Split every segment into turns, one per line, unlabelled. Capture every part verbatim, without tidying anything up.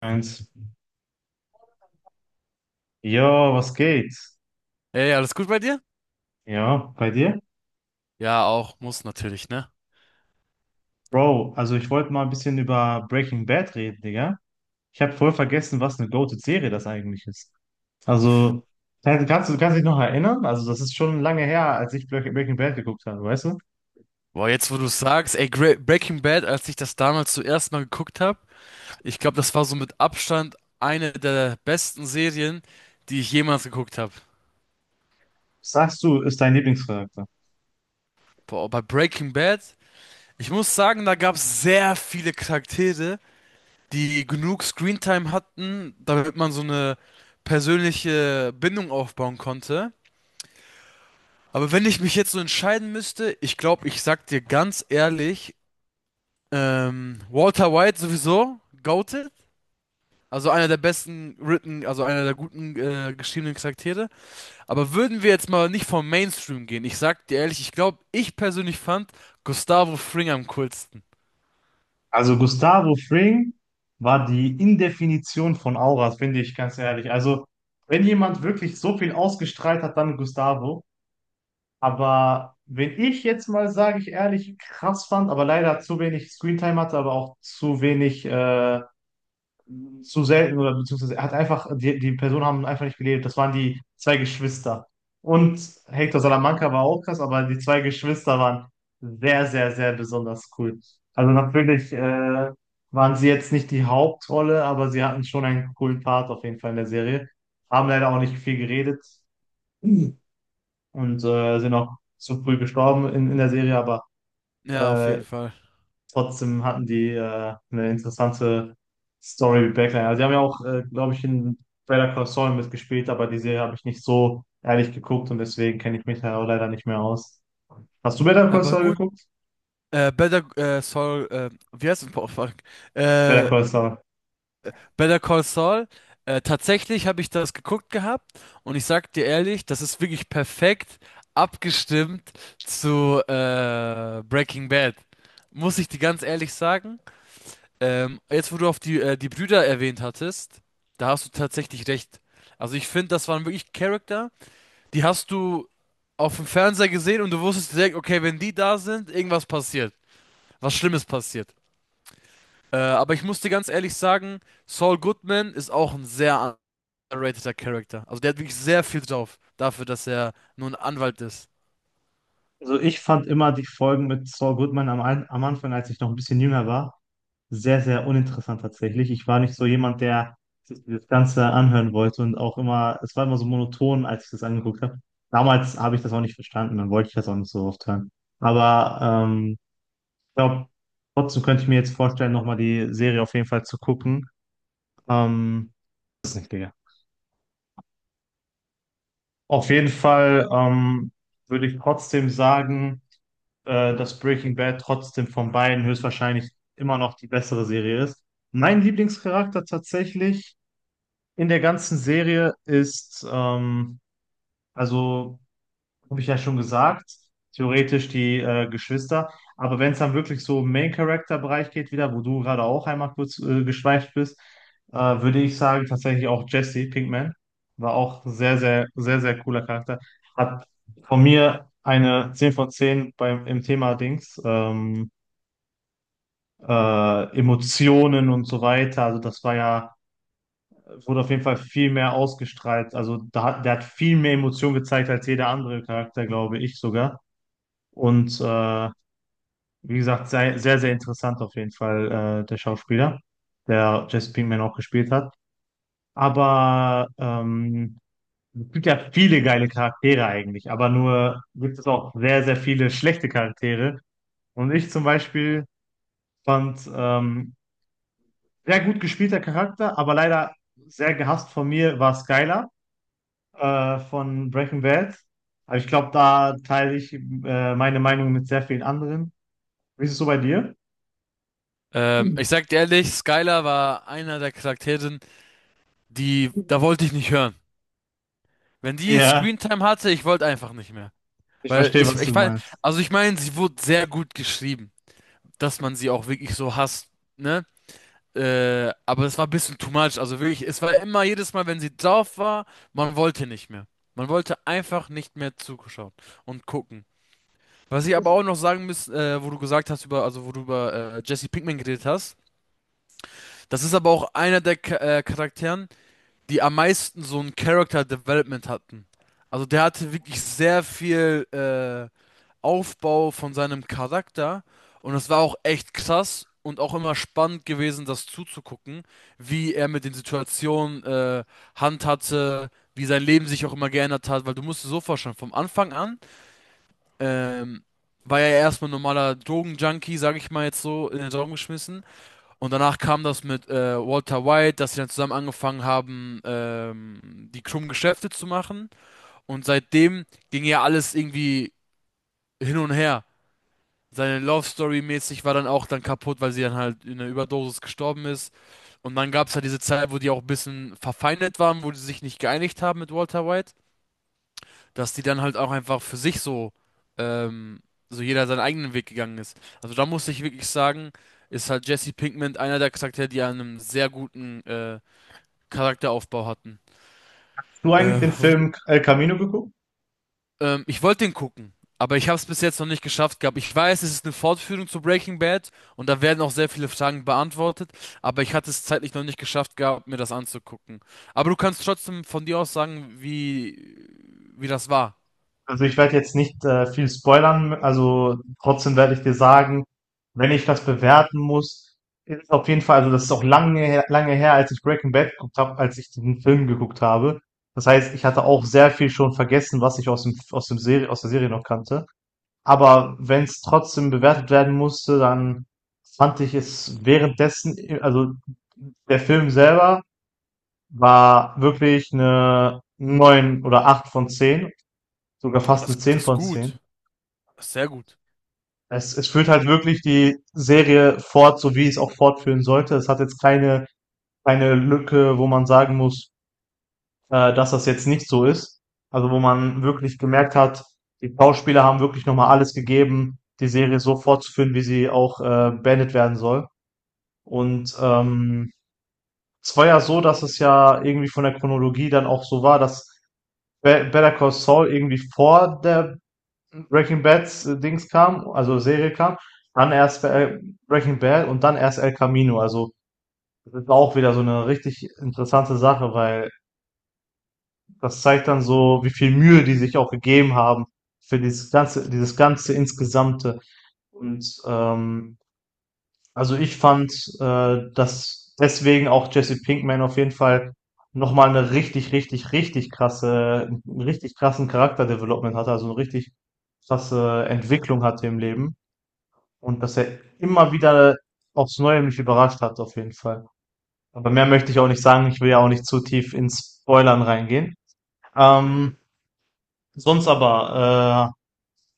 Eins. Jo, was geht?
Ey, alles gut bei dir?
Ja, bei dir?
Ja, auch, muss natürlich, ne?
Bro, also ich wollte mal ein bisschen über Breaking Bad reden, Digga. Ich habe voll vergessen, was eine Go-To-Serie das eigentlich ist. Also, kannst, kannst du kannst dich noch erinnern? Also, das ist schon lange her, als ich Breaking Breaking Bad geguckt habe, weißt du?
Boah, jetzt wo du sagst, ey, Gra Breaking Bad, als ich das damals zuerst mal geguckt habe, ich glaube, das war so mit Abstand eine der besten Serien, die ich jemals geguckt habe.
Was sagst du, ist dein Lieblingscharakter?
Boah, bei Breaking Bad, ich muss sagen, da gab es sehr viele Charaktere, die genug Screentime hatten, damit man so eine persönliche Bindung aufbauen konnte. Aber wenn ich mich jetzt so entscheiden müsste, ich glaube, ich sag dir ganz ehrlich, Ähm, Walter White sowieso, goated. Also einer der besten written, also einer der guten äh, geschriebenen Charaktere. Aber würden wir jetzt mal nicht vom Mainstream gehen? Ich sag dir ehrlich, ich glaube, ich persönlich fand Gustavo Fring am coolsten.
Also, Gustavo Fring war die Indefinition von Auras, finde ich, ganz ehrlich. Also, wenn jemand wirklich so viel ausgestrahlt hat, dann Gustavo. Aber wenn ich jetzt mal, sage ich ehrlich, krass fand, aber leider zu wenig Screentime hatte, aber auch zu wenig, äh, zu selten oder beziehungsweise er hat einfach, die, die Personen haben einfach nicht gelebt. Das waren die zwei Geschwister. Und Hector Salamanca war auch krass, aber die zwei Geschwister waren sehr, sehr, sehr besonders cool. Also natürlich, äh, waren sie jetzt nicht die Hauptrolle, aber sie hatten schon einen coolen Part auf jeden Fall in der Serie. Haben leider auch nicht viel geredet und äh, sind auch zu früh gestorben in, in der Serie, aber
Ja, auf
äh,
jeden Fall.
trotzdem hatten die äh, eine interessante Story mit Backline. Also die haben ja auch, äh, glaube ich, in Better Call Saul mitgespielt, aber die Serie habe ich nicht so ehrlich geguckt und deswegen kenne ich mich da auch leider nicht mehr aus. Hast du Better
Ja,
Call
aber
Saul
gut.
geguckt?
Äh, Better äh, Saul, äh, wie heißt es? Boah, fuck.
Better
Äh,
Call Saul.
Better Call Saul. Äh, tatsächlich habe ich das geguckt gehabt und ich sag dir ehrlich, das ist wirklich perfekt abgestimmt zu äh, Breaking Bad. Muss ich dir ganz ehrlich sagen. Ähm, jetzt, wo du auf die, äh, die Brüder erwähnt hattest, da hast du tatsächlich recht. Also ich finde, das waren wirklich Charakter, die hast du auf dem Fernseher gesehen und du wusstest direkt, okay, wenn die da sind, irgendwas passiert. Was Schlimmes passiert. Äh, aber ich muss dir ganz ehrlich sagen, Saul Goodman ist auch ein sehr underrateter Charakter. Also der hat wirklich sehr viel drauf, dafür, dass er nur ein Anwalt ist.
Also ich fand immer die Folgen mit Saul Goodman am, Ein- am Anfang, als ich noch ein bisschen jünger war, sehr, sehr uninteressant tatsächlich. Ich war nicht so jemand, der sich das Ganze anhören wollte und auch immer, es war immer so monoton, als ich das angeguckt habe. Damals habe ich das auch nicht verstanden, dann wollte ich das auch nicht so oft hören. Aber ähm, ich glaube, trotzdem könnte ich mir jetzt vorstellen, nochmal die Serie auf jeden Fall zu gucken. Ähm, Das ist nicht, Digga. Auf jeden Fall ähm, würde ich trotzdem sagen, äh, dass Breaking Bad trotzdem von beiden höchstwahrscheinlich immer noch die bessere Serie ist. Mein Lieblingscharakter tatsächlich in der ganzen Serie ist, ähm, also habe ich ja schon gesagt, theoretisch die äh, Geschwister. Aber wenn es dann wirklich so im Main-Character-Bereich geht, wieder, wo du gerade auch einmal kurz äh, geschweift bist, äh, würde ich sagen, tatsächlich auch Jesse Pinkman war auch sehr, sehr, sehr, sehr cooler Charakter. Hat von mir eine zehn von zehn beim, im Thema Dings, ähm, äh, Emotionen und so weiter. Also das war ja, wurde auf jeden Fall viel mehr ausgestrahlt. Also da, hat- der hat viel mehr Emotionen gezeigt als jeder andere Charakter, glaube ich sogar. Und äh, wie gesagt, sehr, sehr, sehr interessant auf jeden Fall, äh, der Schauspieler, der Jesse Pinkman auch gespielt hat. Aber ähm, es gibt ja viele geile Charaktere eigentlich, aber nur gibt es auch sehr, sehr viele schlechte Charaktere. Und ich zum Beispiel fand ähm, sehr gut gespielter Charakter, aber leider sehr gehasst von mir war Skylar äh, von Breaking Bad. Aber ich glaube, da teile ich äh, meine Meinung mit sehr vielen anderen. Wie ist es so bei dir?
Ähm, ich sag dir ehrlich, Skylar war einer der Charaktere, die, da wollte ich nicht hören. Wenn die
Ja.
Screentime hatte, ich wollte einfach nicht mehr.
Ich
Weil
verstehe,
ich,
was
ich
du
fand,
meinst.
also ich meine, sie wurde sehr gut geschrieben, dass man sie auch wirklich so hasst, ne? Äh, aber es war ein bisschen too much. Also wirklich, es war immer jedes Mal, wenn sie drauf war, man wollte nicht mehr. Man wollte einfach nicht mehr zuschauen und gucken. Was ich aber auch noch sagen muss, äh, wo du gesagt hast über, also wo du über äh, Jesse Pinkman geredet hast, das ist aber auch einer der Cha- äh, Charakteren, die am meisten so ein Character Development hatten. Also der hatte wirklich sehr viel äh, Aufbau von seinem Charakter und es war auch echt krass und auch immer spannend gewesen, das zuzugucken, wie er mit den Situationen äh, handhatte, wie sein Leben sich auch immer geändert hat, weil du musst dir so vorstellen, vom Anfang an ähm, war ja erstmal ein normaler Drogenjunkie, sag ich mal jetzt so, in den Raum geschmissen. Und danach kam das mit äh, Walter White, dass sie dann zusammen angefangen haben, ähm, die krummen Geschäfte zu machen. Und seitdem ging ja alles irgendwie hin und her. Seine Love Story mäßig war dann auch dann kaputt, weil sie dann halt in einer Überdosis gestorben ist. Und dann gab es halt diese Zeit, wo die auch ein bisschen verfeindet waren, wo die sich nicht geeinigt haben mit Walter White, dass die dann halt auch einfach für sich so, ähm, so jeder seinen eigenen Weg gegangen ist. Also da muss ich wirklich sagen, ist halt Jesse Pinkman einer der Charaktere, die einen sehr guten äh, Charakteraufbau hatten.
Hast du eigentlich
Äh,
den
wo-
Film El Camino geguckt?
ähm, Ich wollte den gucken, aber ich habe es bis jetzt noch nicht geschafft gehabt. Ich weiß, es ist eine Fortführung zu Breaking Bad und da werden auch sehr viele Fragen beantwortet, aber ich hatte es zeitlich noch nicht geschafft gehabt, mir das anzugucken. Aber du kannst trotzdem von dir aus sagen, wie, wie das war.
Also ich werde jetzt nicht äh, viel spoilern, also trotzdem werde ich dir sagen, wenn ich das bewerten muss, ist es auf jeden Fall, also das ist auch lange, her- lange her, als ich Breaking Bad geguckt habe, als ich den Film geguckt habe. Das heißt, ich hatte auch sehr viel schon vergessen, was ich aus dem, aus dem Serie, aus der Serie noch kannte. Aber wenn es trotzdem bewertet werden musste, dann fand ich es währenddessen, also der Film selber war wirklich eine neun oder acht von zehn, sogar
Oh,
fast eine
das,
zehn
das ist
von zehn
gut. Das ist sehr gut.
Es es führt halt wirklich die Serie fort, so wie es auch fortführen sollte. Es hat jetzt keine keine Lücke, wo man sagen muss, äh, dass das jetzt nicht so ist. Also, wo man wirklich gemerkt hat, die Schauspieler haben wirklich noch mal alles gegeben, die Serie so fortzuführen, wie sie auch, äh, beendet werden soll. Und, ähm, es war ja so, dass es ja irgendwie von der Chronologie dann auch so war, dass Be- Better Call Saul irgendwie vor der Breaking Bad äh, Dings kam, also Serie kam, dann erst äh, Breaking Bad und dann erst El Camino. Also das ist auch wieder so eine richtig interessante Sache, weil das zeigt dann so, wie viel Mühe die sich auch gegeben haben für dieses ganze, dieses ganze insgesamte. Und ähm, also, ich fand, äh, dass deswegen auch Jesse Pinkman auf jeden Fall noch mal 'ne richtig, richtig, richtig krasse 'n richtig krassen Charakter hatte, also eine richtig krasse Entwicklung hatte im Leben und dass er immer wieder aufs Neue mich überrascht hat auf jeden Fall. Aber mehr möchte ich auch nicht sagen, ich will ja auch nicht zu tief ins Spoilern reingehen. Ähm, Sonst aber, äh,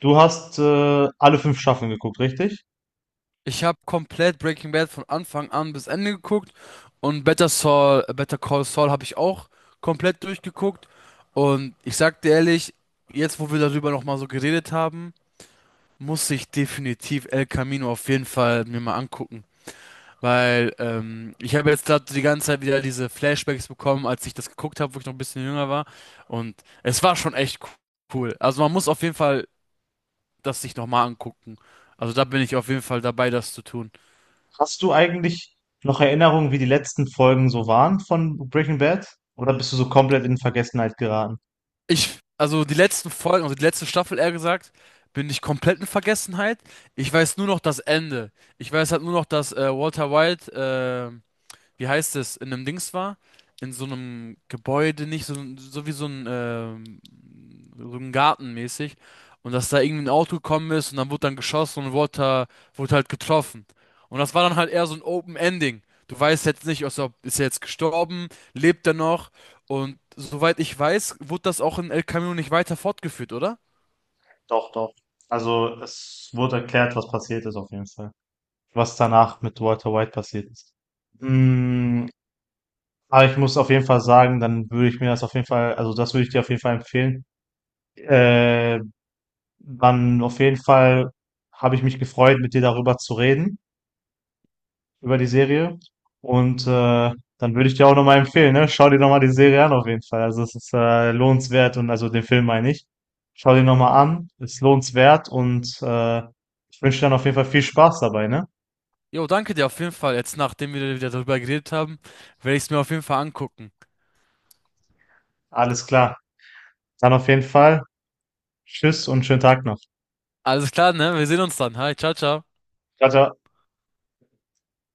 du hast, äh, alle fünf Staffeln geguckt, richtig?
Ich habe komplett Breaking Bad von Anfang an bis Ende geguckt und Better Saul, äh, Better Call Saul habe ich auch komplett durchgeguckt und ich sag dir ehrlich, jetzt wo wir darüber nochmal so geredet haben, muss ich definitiv El Camino auf jeden Fall mir mal angucken, weil ähm, ich habe jetzt gerade die ganze Zeit wieder diese Flashbacks bekommen, als ich das geguckt habe, wo ich noch ein bisschen jünger war und es war schon echt cool. Also man muss auf jeden Fall das sich nochmal angucken. Also da bin ich auf jeden Fall dabei, das zu tun.
Hast du eigentlich noch Erinnerungen, wie die letzten Folgen so waren von Breaking Bad? Oder bist du so komplett in Vergessenheit geraten?
Ich, also die letzten Folgen, also die letzte Staffel eher gesagt, bin ich komplett in Vergessenheit. Ich weiß nur noch das Ende. Ich weiß halt nur noch, dass äh, Walter White äh, wie heißt es, in einem Dings war, in so einem Gebäude, nicht so, so wie so ein, ähm, so ein Garten mäßig. Und dass da irgendwie ein Auto gekommen ist und dann wurde dann geschossen und wurde, da- wurde halt getroffen. Und das war dann halt eher so ein Open Ending. Du weißt jetzt nicht, also ob- ist er jetzt gestorben, lebt er noch? Und soweit ich weiß, wurde das auch in El Camino nicht weiter fortgeführt, oder?
Doch, doch. Also es wurde erklärt, was passiert ist auf jeden Fall. Was danach mit Walter White passiert ist. Mm, aber ich muss auf jeden Fall sagen, dann würde ich mir das auf jeden Fall, also das würde ich dir auf jeden Fall empfehlen. Äh, Man, auf jeden Fall habe ich mich gefreut, mit dir darüber zu reden. Über die Serie. Und äh, dann würde ich dir auch nochmal empfehlen, ne? Schau dir nochmal die Serie an auf jeden Fall. Also es ist äh, lohnenswert und also den Film meine ich. Schau dir nochmal an, ist lohnenswert und äh, ich wünsche dir dann auf jeden Fall viel Spaß dabei, ne?
Jo, danke dir auf jeden Fall. Jetzt, nachdem wir wieder darüber geredet haben, werde ich es mir auf jeden Fall angucken.
Alles klar. Dann auf jeden Fall. Tschüss und schönen Tag noch.
Alles klar, ne? Wir sehen uns dann. Hi, ciao, ciao.
Ciao, ciao.